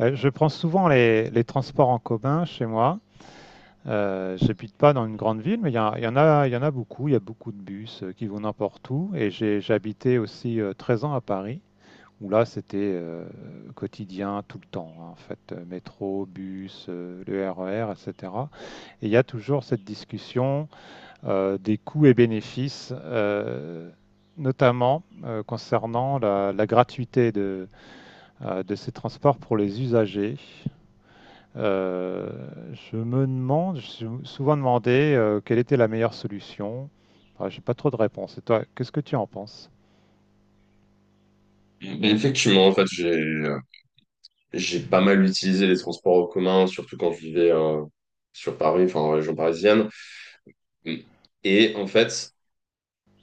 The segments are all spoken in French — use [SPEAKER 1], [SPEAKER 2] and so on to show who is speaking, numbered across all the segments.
[SPEAKER 1] Je prends souvent les transports en commun chez moi. J'habite pas dans une grande ville, mais il y en a, il y en a beaucoup. Il y a beaucoup de bus qui vont n'importe où. Et j'ai habité aussi 13 ans à Paris, où là c'était quotidien tout le temps, hein, en fait. Métro, bus, le RER, etc. Et cetera. Et il y a toujours cette discussion des coûts et bénéfices, notamment concernant la gratuité de ces transports pour les usagers. Euh, je me suis souvent demandé quelle était la meilleure solution. Ah, j'ai pas trop de réponses. Et toi, qu'est-ce que tu en penses?
[SPEAKER 2] Mais effectivement, en fait, j'ai pas mal utilisé les transports en commun, surtout quand je vivais sur Paris, enfin en région parisienne. Et en fait,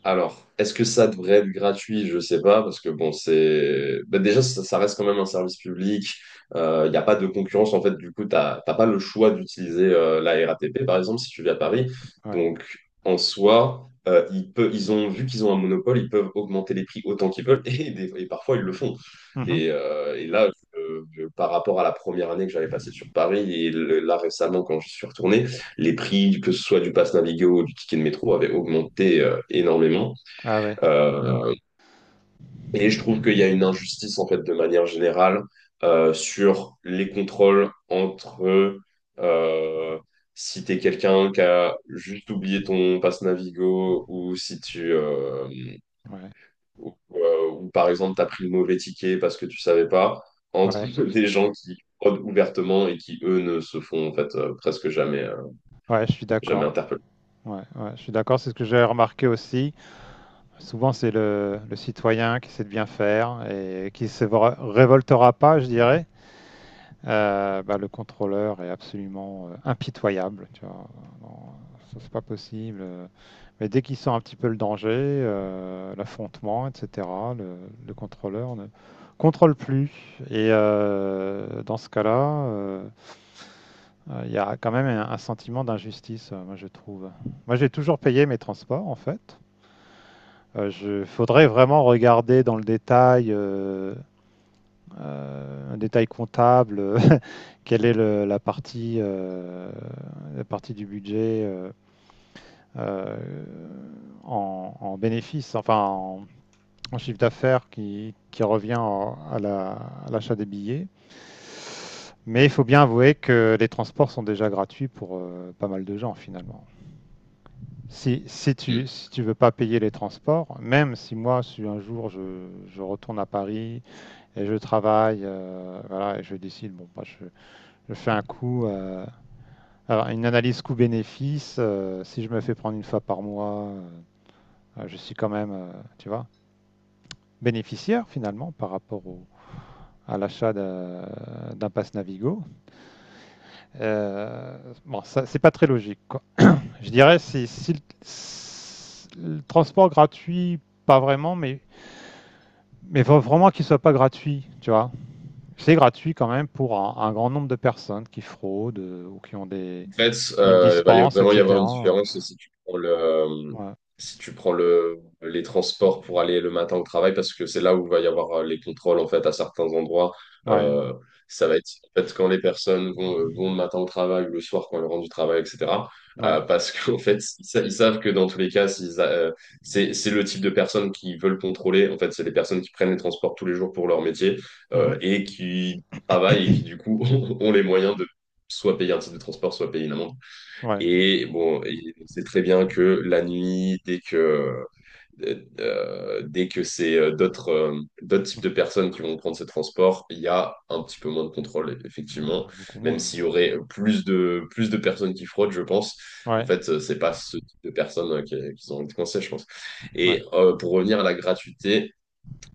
[SPEAKER 2] alors, est-ce que ça devrait être gratuit? Je sais pas, parce que bon, c'est ben déjà ça, ça reste quand même un service public. Il n'y a pas de concurrence en fait. Du coup, t'as pas le choix d'utiliser la RATP par exemple si tu vis à Paris.
[SPEAKER 1] Ouais, ouais.
[SPEAKER 2] Donc en soi, ils peuvent, ils ont vu qu'ils ont un monopole, ils peuvent augmenter les prix autant qu'ils veulent et parfois ils le font.
[SPEAKER 1] Mhm.
[SPEAKER 2] Et là, par rapport à la première année que j'avais passée sur Paris et là récemment quand je suis retourné, les prix, que ce soit du pass Navigo ou du ticket de métro, avaient augmenté énormément.
[SPEAKER 1] Ah ouais,
[SPEAKER 2] Euh, et je trouve qu'il y a une injustice, en fait, de manière générale, sur les contrôles entre. Euh, Si tu es quelqu'un qui a juste oublié ton pass Navigo ou si tu.
[SPEAKER 1] ouais,
[SPEAKER 2] Ou, par exemple, tu as pris le mauvais ticket parce que tu savais pas, entre
[SPEAKER 1] ouais,
[SPEAKER 2] des gens qui fraudent ouvertement et qui, eux, ne se font, en fait, presque jamais, euh,
[SPEAKER 1] ouais, je suis
[SPEAKER 2] jamais
[SPEAKER 1] d'accord.
[SPEAKER 2] interpeller.
[SPEAKER 1] Ouais, ouais, je suis d'accord, c'est ce que j'ai remarqué aussi. Souvent, c'est le citoyen qui essaie de bien faire et qui se révoltera pas, je dirais. Bah, le contrôleur est absolument impitoyable. Tu vois. Non, ça, c'est pas possible. Mais dès qu'il sent un petit peu le danger, l'affrontement, etc., le, le contrôleur ne contrôle plus. Et dans ce cas-là, il y a quand même un sentiment d'injustice, moi je trouve. Moi j'ai toujours payé mes transports en fait. Il faudrait vraiment regarder dans le détail un détail comptable, quelle est la partie du budget euh, en en chiffre d'affaires qui revient à l'achat des billets. Mais il faut bien avouer que les transports sont déjà gratuits pour pas mal de gens finalement. Si, si tu
[SPEAKER 2] Mm.
[SPEAKER 1] si tu veux pas payer les transports, même si moi, si un jour je retourne à Paris et je travaille, voilà, et je décide, bon, bah, je fais un coût, alors, une analyse coût-bénéfice, si je me fais prendre une fois par mois, je suis quand même, tu vois, bénéficiaire finalement par rapport à l'achat d'un pass Navigo. Euh, bon, ça, c'est pas très logique, quoi. Je dirais, si le transport gratuit, pas vraiment, mais faut vraiment qu'il soit pas gratuit, tu vois. C'est gratuit quand même pour un grand nombre de personnes qui fraudent ou qui ont des,
[SPEAKER 2] En fait,
[SPEAKER 1] une
[SPEAKER 2] bah, il va y a-
[SPEAKER 1] dispense,
[SPEAKER 2] vraiment y avoir une
[SPEAKER 1] etc.
[SPEAKER 2] différence si tu prends
[SPEAKER 1] Ouais,
[SPEAKER 2] les transports pour aller le matin au travail, parce que c'est là où il va y avoir les contrôles en fait à certains endroits.
[SPEAKER 1] ouais,
[SPEAKER 2] Euh, Ça va être en fait quand les personnes vont le matin au travail ou le soir quand elles rentrent du travail, etc.
[SPEAKER 1] ouais.
[SPEAKER 2] Parce qu'en fait, ils savent que dans tous les cas, c'est le type de personnes qui veulent contrôler. En fait, c'est les personnes qui prennent les transports tous les jours pour leur métier
[SPEAKER 1] Mhm.
[SPEAKER 2] et qui travaillent et qui du coup ont les moyens soit payer un titre de transport, soit payer une amende.
[SPEAKER 1] Ouais.
[SPEAKER 2] Et bon, et on sait très bien que la nuit, dès que c'est d'autres types
[SPEAKER 1] Mhm.
[SPEAKER 2] de personnes qui vont prendre ce transport, il y a un petit peu moins de contrôle, effectivement.
[SPEAKER 1] Ah, beaucoup
[SPEAKER 2] Même
[SPEAKER 1] moins.
[SPEAKER 2] s'il y aurait plus de personnes qui fraudent, je pense. En
[SPEAKER 1] Ouais,
[SPEAKER 2] fait, c'est pas ce type de personnes qui ont envie de coincer, je pense.
[SPEAKER 1] ouais.
[SPEAKER 2] Et pour revenir à la gratuité,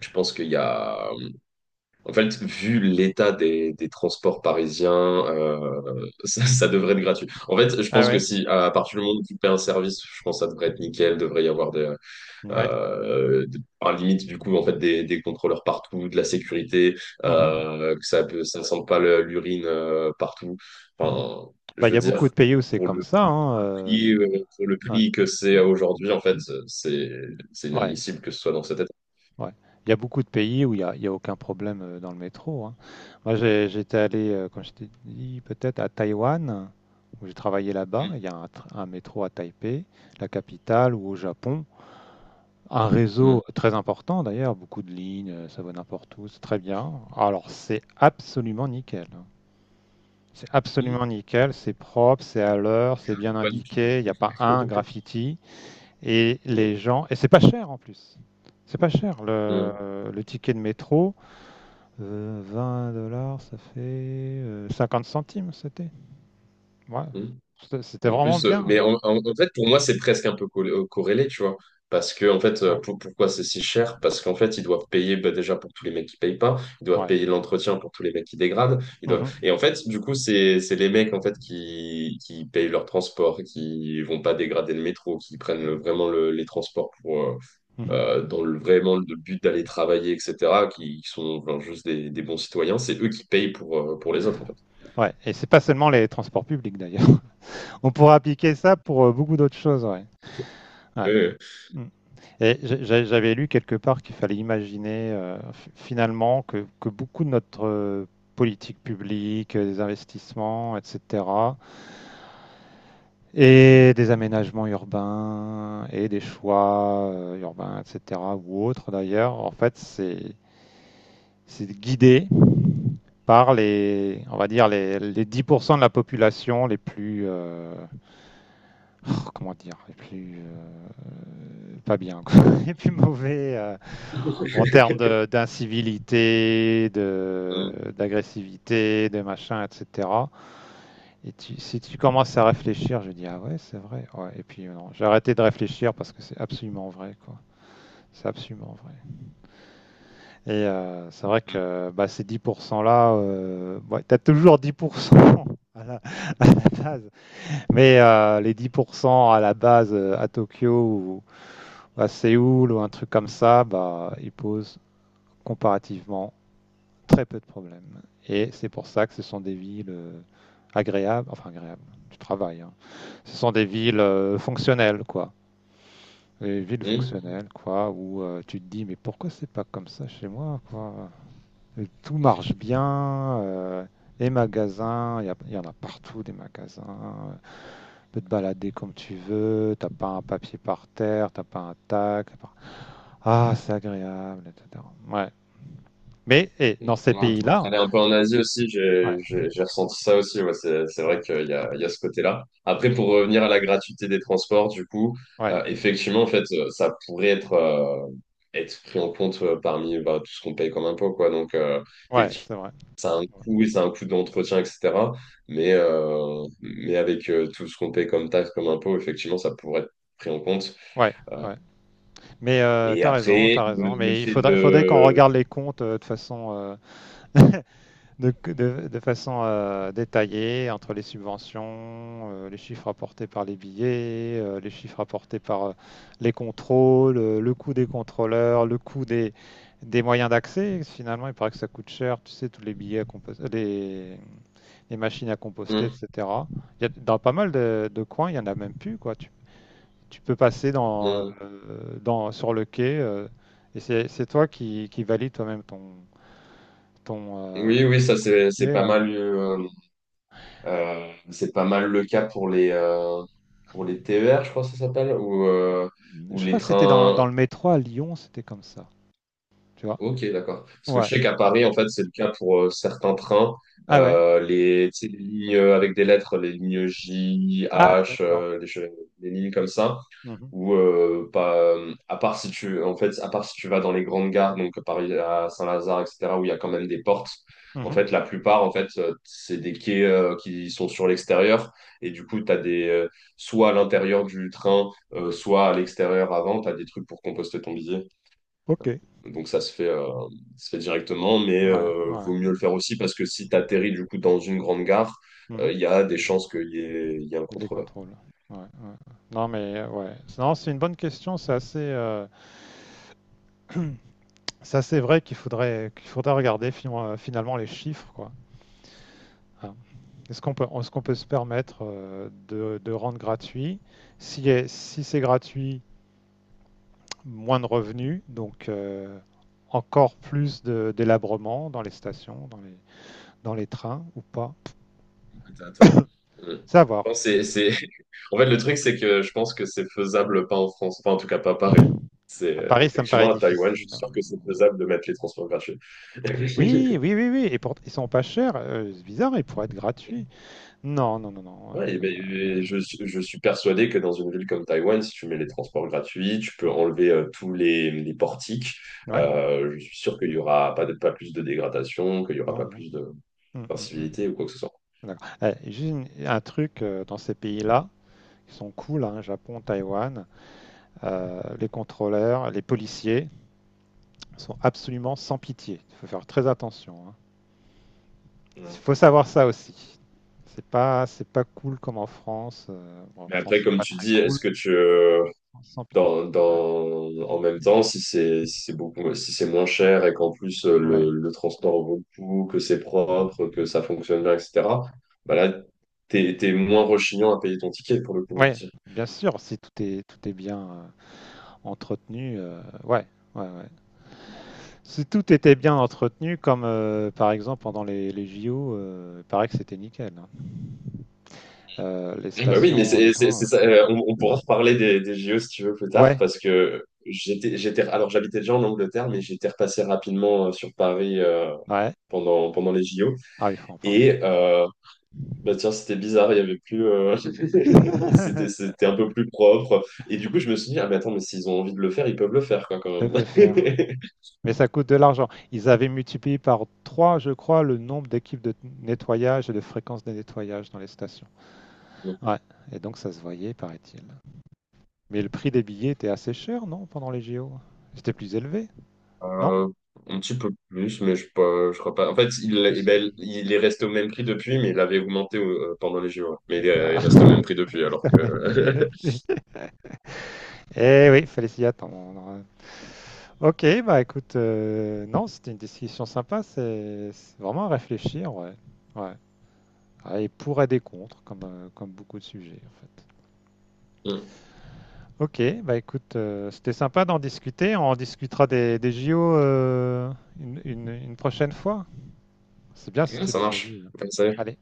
[SPEAKER 2] je pense qu'il y a en fait, vu l'état des transports parisiens, ça devrait être gratuit. En fait, je
[SPEAKER 1] Ah
[SPEAKER 2] pense que
[SPEAKER 1] ouais,
[SPEAKER 2] si à partir du moment où tu paies un service, je pense que ça devrait être nickel. Devrait y avoir
[SPEAKER 1] ouais.
[SPEAKER 2] à la limite du coup en fait des contrôleurs partout, de la sécurité,
[SPEAKER 1] Mhm.
[SPEAKER 2] que ça peut, ça sente pas l'urine partout.
[SPEAKER 1] Mhm.
[SPEAKER 2] Enfin,
[SPEAKER 1] Bah,
[SPEAKER 2] je
[SPEAKER 1] il
[SPEAKER 2] veux
[SPEAKER 1] y a beaucoup
[SPEAKER 2] dire
[SPEAKER 1] de pays où c'est
[SPEAKER 2] pour
[SPEAKER 1] comme ça,
[SPEAKER 2] le
[SPEAKER 1] hein.
[SPEAKER 2] prix, pour le
[SPEAKER 1] Ouais,
[SPEAKER 2] prix que c'est aujourd'hui, en fait, c'est c'est
[SPEAKER 1] ouais.
[SPEAKER 2] inadmissible que ce soit dans cet état.
[SPEAKER 1] Ouais. Il y a beaucoup de pays où il y a aucun problème dans le métro. Hein. Moi, j'étais allé, comme je t'ai dit, peut-être à Taïwan, où j'ai travaillé là-bas.
[SPEAKER 2] Mm,
[SPEAKER 1] Il y a un métro à Taipei, la capitale, ou au Japon. Un
[SPEAKER 2] mm,
[SPEAKER 1] réseau très important d'ailleurs, beaucoup de lignes, ça va n'importe où, c'est très bien. Alors, c'est absolument nickel. Hein. C'est
[SPEAKER 2] mm.
[SPEAKER 1] absolument nickel, c'est propre, c'est à l'heure, c'est bien
[SPEAKER 2] Pas du tout.
[SPEAKER 1] indiqué, il n'y a pas un graffiti. Et les gens. Et c'est pas cher en plus. C'est pas cher.
[SPEAKER 2] Mmh,
[SPEAKER 1] Le ticket de métro, 20 dollars, ça fait 50 centimes, c'était. Ouais.
[SPEAKER 2] mmh.
[SPEAKER 1] C'était
[SPEAKER 2] Et en
[SPEAKER 1] vraiment
[SPEAKER 2] plus,
[SPEAKER 1] bien.
[SPEAKER 2] mais en fait, pour moi, c'est presque un peu corrélé, tu vois. Parce que, en fait,
[SPEAKER 1] Ouais.
[SPEAKER 2] pourquoi c'est si cher? Parce qu'en fait, ils doivent payer bah, déjà pour tous les mecs qui payent pas, ils doivent
[SPEAKER 1] Ouais.
[SPEAKER 2] payer l'entretien pour tous les mecs qui dégradent. Ils doivent...
[SPEAKER 1] Mhm,
[SPEAKER 2] Et en fait, du coup, c'est les mecs en fait qui payent leur transport, qui vont pas dégrader le métro, qui prennent vraiment les transports pour
[SPEAKER 1] mhm.
[SPEAKER 2] dans vraiment le but d'aller travailler, etc., qui sont enfin, juste des bons citoyens. C'est eux qui payent pour les autres, en fait.
[SPEAKER 1] Ouais. Et c'est pas seulement les transports publics d'ailleurs. On pourrait appliquer ça pour beaucoup d'autres choses. Ouais. Ouais.
[SPEAKER 2] Oui,
[SPEAKER 1] Mm. Et j'avais lu quelque part qu'il fallait imaginer finalement que beaucoup de notre politique publique, des investissements, etc., et des aménagements urbains et des choix urbains, etc. ou autres d'ailleurs. En fait, c'est guidé par les, on va dire les 10% de la population les plus, oh, comment dire, les plus pas bien, quoi, les plus mauvais
[SPEAKER 2] oui.
[SPEAKER 1] en termes d'incivilité, de-
[SPEAKER 2] Mmh,
[SPEAKER 1] d'agressivité, de, machin, etc. Et si tu commences à réfléchir, je dis ah ouais, c'est vrai. Ouais. Et puis non, j'ai arrêté de réfléchir parce que c'est absolument vrai, quoi. C'est absolument vrai. Et c'est vrai
[SPEAKER 2] mmh,
[SPEAKER 1] que bah, ces 10% là, ouais, t'as toujours 10% à la, à la base. Mais les 10% à la base à Tokyo ou à Séoul ou un truc comme ça, bah, ils posent comparativement très peu de problèmes. Et c'est pour ça que ce sont des villes agréables, enfin agréables. Tu travailles, hein. Ce sont des villes fonctionnelles, quoi. Des villes
[SPEAKER 2] mmh.
[SPEAKER 1] fonctionnelles, quoi, où tu te dis, mais pourquoi c'est pas comme ça chez moi, quoi? Et tout marche bien, les magasins, il y en a partout des magasins. Tu peux te balader comme tu veux, t'as pas un papier par terre, t'as pas un tac. T'as pas- Ah, c'est agréable, etc. Ouais. Mais et
[SPEAKER 2] Ouais,
[SPEAKER 1] dans ces
[SPEAKER 2] t'es en
[SPEAKER 1] pays-là,
[SPEAKER 2] train d'aller un peu en Asie aussi,
[SPEAKER 1] ouais,
[SPEAKER 2] j'ai ressenti ça aussi. Ouais, c'est
[SPEAKER 1] ouais,
[SPEAKER 2] vrai qu'il y a ce côté-là. Après,
[SPEAKER 1] mhm,
[SPEAKER 2] pour revenir à la gratuité des transports, du coup,
[SPEAKER 1] ouais,
[SPEAKER 2] effectivement, en fait, ça pourrait être pris en compte parmi bah, tout ce qu'on paye comme impôt, quoi. Donc,
[SPEAKER 1] ouais,
[SPEAKER 2] effectivement,
[SPEAKER 1] c'est vrai.
[SPEAKER 2] ça a un coût, et ça a un coût d'entretien, etc. Mais avec tout ce qu'on paye comme taxe, comme impôt, effectivement, ça pourrait être pris en compte.
[SPEAKER 1] Ouais,
[SPEAKER 2] Euh,
[SPEAKER 1] ouais. Mais
[SPEAKER 2] et
[SPEAKER 1] t'as raison,
[SPEAKER 2] après,
[SPEAKER 1] t'as raison.
[SPEAKER 2] le
[SPEAKER 1] Mais il
[SPEAKER 2] fait
[SPEAKER 1] faudrait, faudrait qu'on
[SPEAKER 2] de...
[SPEAKER 1] regarde les comptes de façon, de façon détaillée entre les subventions, les chiffres apportés par les billets, les chiffres apportés par les contrôles, le coût des contrôleurs, le coût des moyens d'accès. Finalement, il paraît que ça coûte cher, tu sais, tous les billets les machines à composter,
[SPEAKER 2] Hum,
[SPEAKER 1] etc. Il y a, dans pas mal de coins, il y en a même plus, quoi. Tu peux passer dans, euh,
[SPEAKER 2] hum.
[SPEAKER 1] dans, sur le quai et c'est toi qui valide toi-même ton, euh,
[SPEAKER 2] Oui, oui, ça
[SPEAKER 1] ton ticket. Ouais.
[SPEAKER 2] c'est pas mal le cas pour les TER, je crois que ça s'appelle, ou
[SPEAKER 1] Je
[SPEAKER 2] les
[SPEAKER 1] crois que c'était dans,
[SPEAKER 2] trains.
[SPEAKER 1] dans le métro à Lyon, c'était comme ça. Tu vois?
[SPEAKER 2] Ok, d'accord. Parce que je
[SPEAKER 1] Ouais.
[SPEAKER 2] sais qu'à Paris, en fait, c'est le cas pour certains trains.
[SPEAKER 1] Ah ouais?
[SPEAKER 2] Tu sais, les lignes avec des lettres, les lignes J,
[SPEAKER 1] Ah,
[SPEAKER 2] H,
[SPEAKER 1] d'accord.
[SPEAKER 2] les lignes comme ça,
[SPEAKER 1] Mhm,
[SPEAKER 2] où, pas, à part si tu, en fait, à part si tu vas dans les grandes gares, donc Paris à Saint-Lazare, etc., où il y a quand même des portes, en
[SPEAKER 1] mhm.
[SPEAKER 2] fait, la plupart, en fait, c'est des quais qui sont sur l'extérieur. Et du coup, tu as des, soit à l'intérieur du train, soit à l'extérieur avant, tu as des trucs pour composter ton billet.
[SPEAKER 1] Ok. Ouais,
[SPEAKER 2] Donc ça se fait directement, mais
[SPEAKER 1] ouais.
[SPEAKER 2] vaut mieux le faire aussi parce que si tu atterris du coup dans une grande gare,
[SPEAKER 1] Mhm.
[SPEAKER 2] il y a des chances qu'il y ait un
[SPEAKER 1] Et des
[SPEAKER 2] contrôleur.
[SPEAKER 1] contrôles. Ouais, ouais. Non, mais ouais. Non, c'est une bonne question. C'est assez vrai qu'il faudrait regarder finalement les chiffres, quoi. Ah. est-ce qu'on peut se permettre de rendre gratuit? Si c'est gratuit, moins de revenus, donc encore plus délabrement dans les stations, dans les trains ou pas?
[SPEAKER 2] T'as- t'as- Mm.
[SPEAKER 1] C'est à
[SPEAKER 2] Je
[SPEAKER 1] voir.
[SPEAKER 2] pense que c'est- En fait, le truc, c'est que je pense que c'est faisable pas en France, enfin en tout cas pas à Paris. C'est
[SPEAKER 1] À Paris, ça me paraît
[SPEAKER 2] effectivement à Taïwan, je
[SPEAKER 1] difficile.
[SPEAKER 2] suis
[SPEAKER 1] Hein.
[SPEAKER 2] sûr que c'est faisable de mettre les transports gratuits.
[SPEAKER 1] Oui, oui, oui, oui. Ils sont pas chers. C'est bizarre, ils pourraient être gratuits. Non, non, non, non.
[SPEAKER 2] Ouais, et ben, je suis persuadé que dans une ville comme Taïwan, si tu mets les transports gratuits, tu peux enlever tous les portiques.
[SPEAKER 1] Ouais,
[SPEAKER 2] Je suis sûr qu'il n'y aura pas plus de dégradation, qu'il n'y aura
[SPEAKER 1] non,
[SPEAKER 2] pas
[SPEAKER 1] non.
[SPEAKER 2] plus de
[SPEAKER 1] Mm, mm, mm.
[SPEAKER 2] d'incivilité ou quoi que ce soit.
[SPEAKER 1] D'accord. Eh, juste un truc dans ces pays-là, qui sont cool, hein, Japon, Taïwan. Les contrôleurs, les policiers sont absolument sans pitié. Il faut faire très attention. Hein. Il
[SPEAKER 2] Mm.
[SPEAKER 1] faut savoir ça aussi. C'est pas cool comme en France. Bon, en
[SPEAKER 2] Mais
[SPEAKER 1] France,
[SPEAKER 2] après,
[SPEAKER 1] c'est
[SPEAKER 2] comme
[SPEAKER 1] pas
[SPEAKER 2] tu
[SPEAKER 1] très
[SPEAKER 2] dis,
[SPEAKER 1] cool,
[SPEAKER 2] est-ce que tu,
[SPEAKER 1] sans pitié. Ouais.
[SPEAKER 2] dans, en même temps, si c'est beaucoup, si c'est moins cher et qu'en plus
[SPEAKER 1] Ouais.
[SPEAKER 2] le transport vaut le coup, que c'est propre, que ça fonctionne bien, etc., bah là, t'es moins rechignant à payer ton ticket pour le coup.
[SPEAKER 1] Ouais, bien sûr, si tout est bien entretenu, ouais, ouais, ouais. Si tout était bien entretenu, comme par exemple pendant les JO, il paraît que c'était nickel. Hein. Les
[SPEAKER 2] Eh ben oui, mais
[SPEAKER 1] stations, les trains.
[SPEAKER 2] c'est ça. On pourra reparler des JO si tu veux plus tard,
[SPEAKER 1] Ouais,
[SPEAKER 2] parce que j'étais, alors j'habitais déjà en Angleterre, mais j'étais repassé rapidement sur Paris
[SPEAKER 1] ouais.
[SPEAKER 2] pendant les JO.
[SPEAKER 1] Ah, il faut en parler.
[SPEAKER 2] Et bah tiens, c'était bizarre, il y avait plus, c'était un peu plus propre. Et du coup, je me suis dit, ah mais attends, mais s'ils ont envie de le faire, ils peuvent le faire, quoi, quand
[SPEAKER 1] Ils peuvent le
[SPEAKER 2] même.
[SPEAKER 1] faire, ouais. Mais ça coûte de l'argent. Ils avaient multiplié par 3, je crois, le nombre d'équipes de nettoyage et de fréquence des nettoyages dans les stations. Ouais, et donc ça se voyait, paraît-il. Mais le prix des billets était assez cher, non, pendant les JO? C'était plus élevé, non?
[SPEAKER 2] Euh, un petit peu plus, mais je crois pas. En fait,
[SPEAKER 1] Je
[SPEAKER 2] eh
[SPEAKER 1] sais
[SPEAKER 2] ben,
[SPEAKER 1] plus.
[SPEAKER 2] il est resté au même prix depuis, mais il avait augmenté pendant les JO. Mais
[SPEAKER 1] Ah,
[SPEAKER 2] il est au même prix depuis, alors
[SPEAKER 1] c'était le même prix
[SPEAKER 2] que...
[SPEAKER 1] d'habitude. Eh oui, fallait s'y attendre. Ok, bah écoute, non, c'était une discussion sympa, c'est vraiment à réfléchir, ouais. Ouais. Ah, et pour et des contre, comme beaucoup de sujets en fait.
[SPEAKER 2] Hmm.
[SPEAKER 1] Ok, bah écoute, c'était sympa d'en discuter. On en discutera des JO une prochaine fois. C'est bien si
[SPEAKER 2] Ouais,
[SPEAKER 1] tu
[SPEAKER 2] ça
[SPEAKER 1] les as vus.
[SPEAKER 2] marche.
[SPEAKER 1] Hein.
[SPEAKER 2] Ouais, ça y est.
[SPEAKER 1] Allez.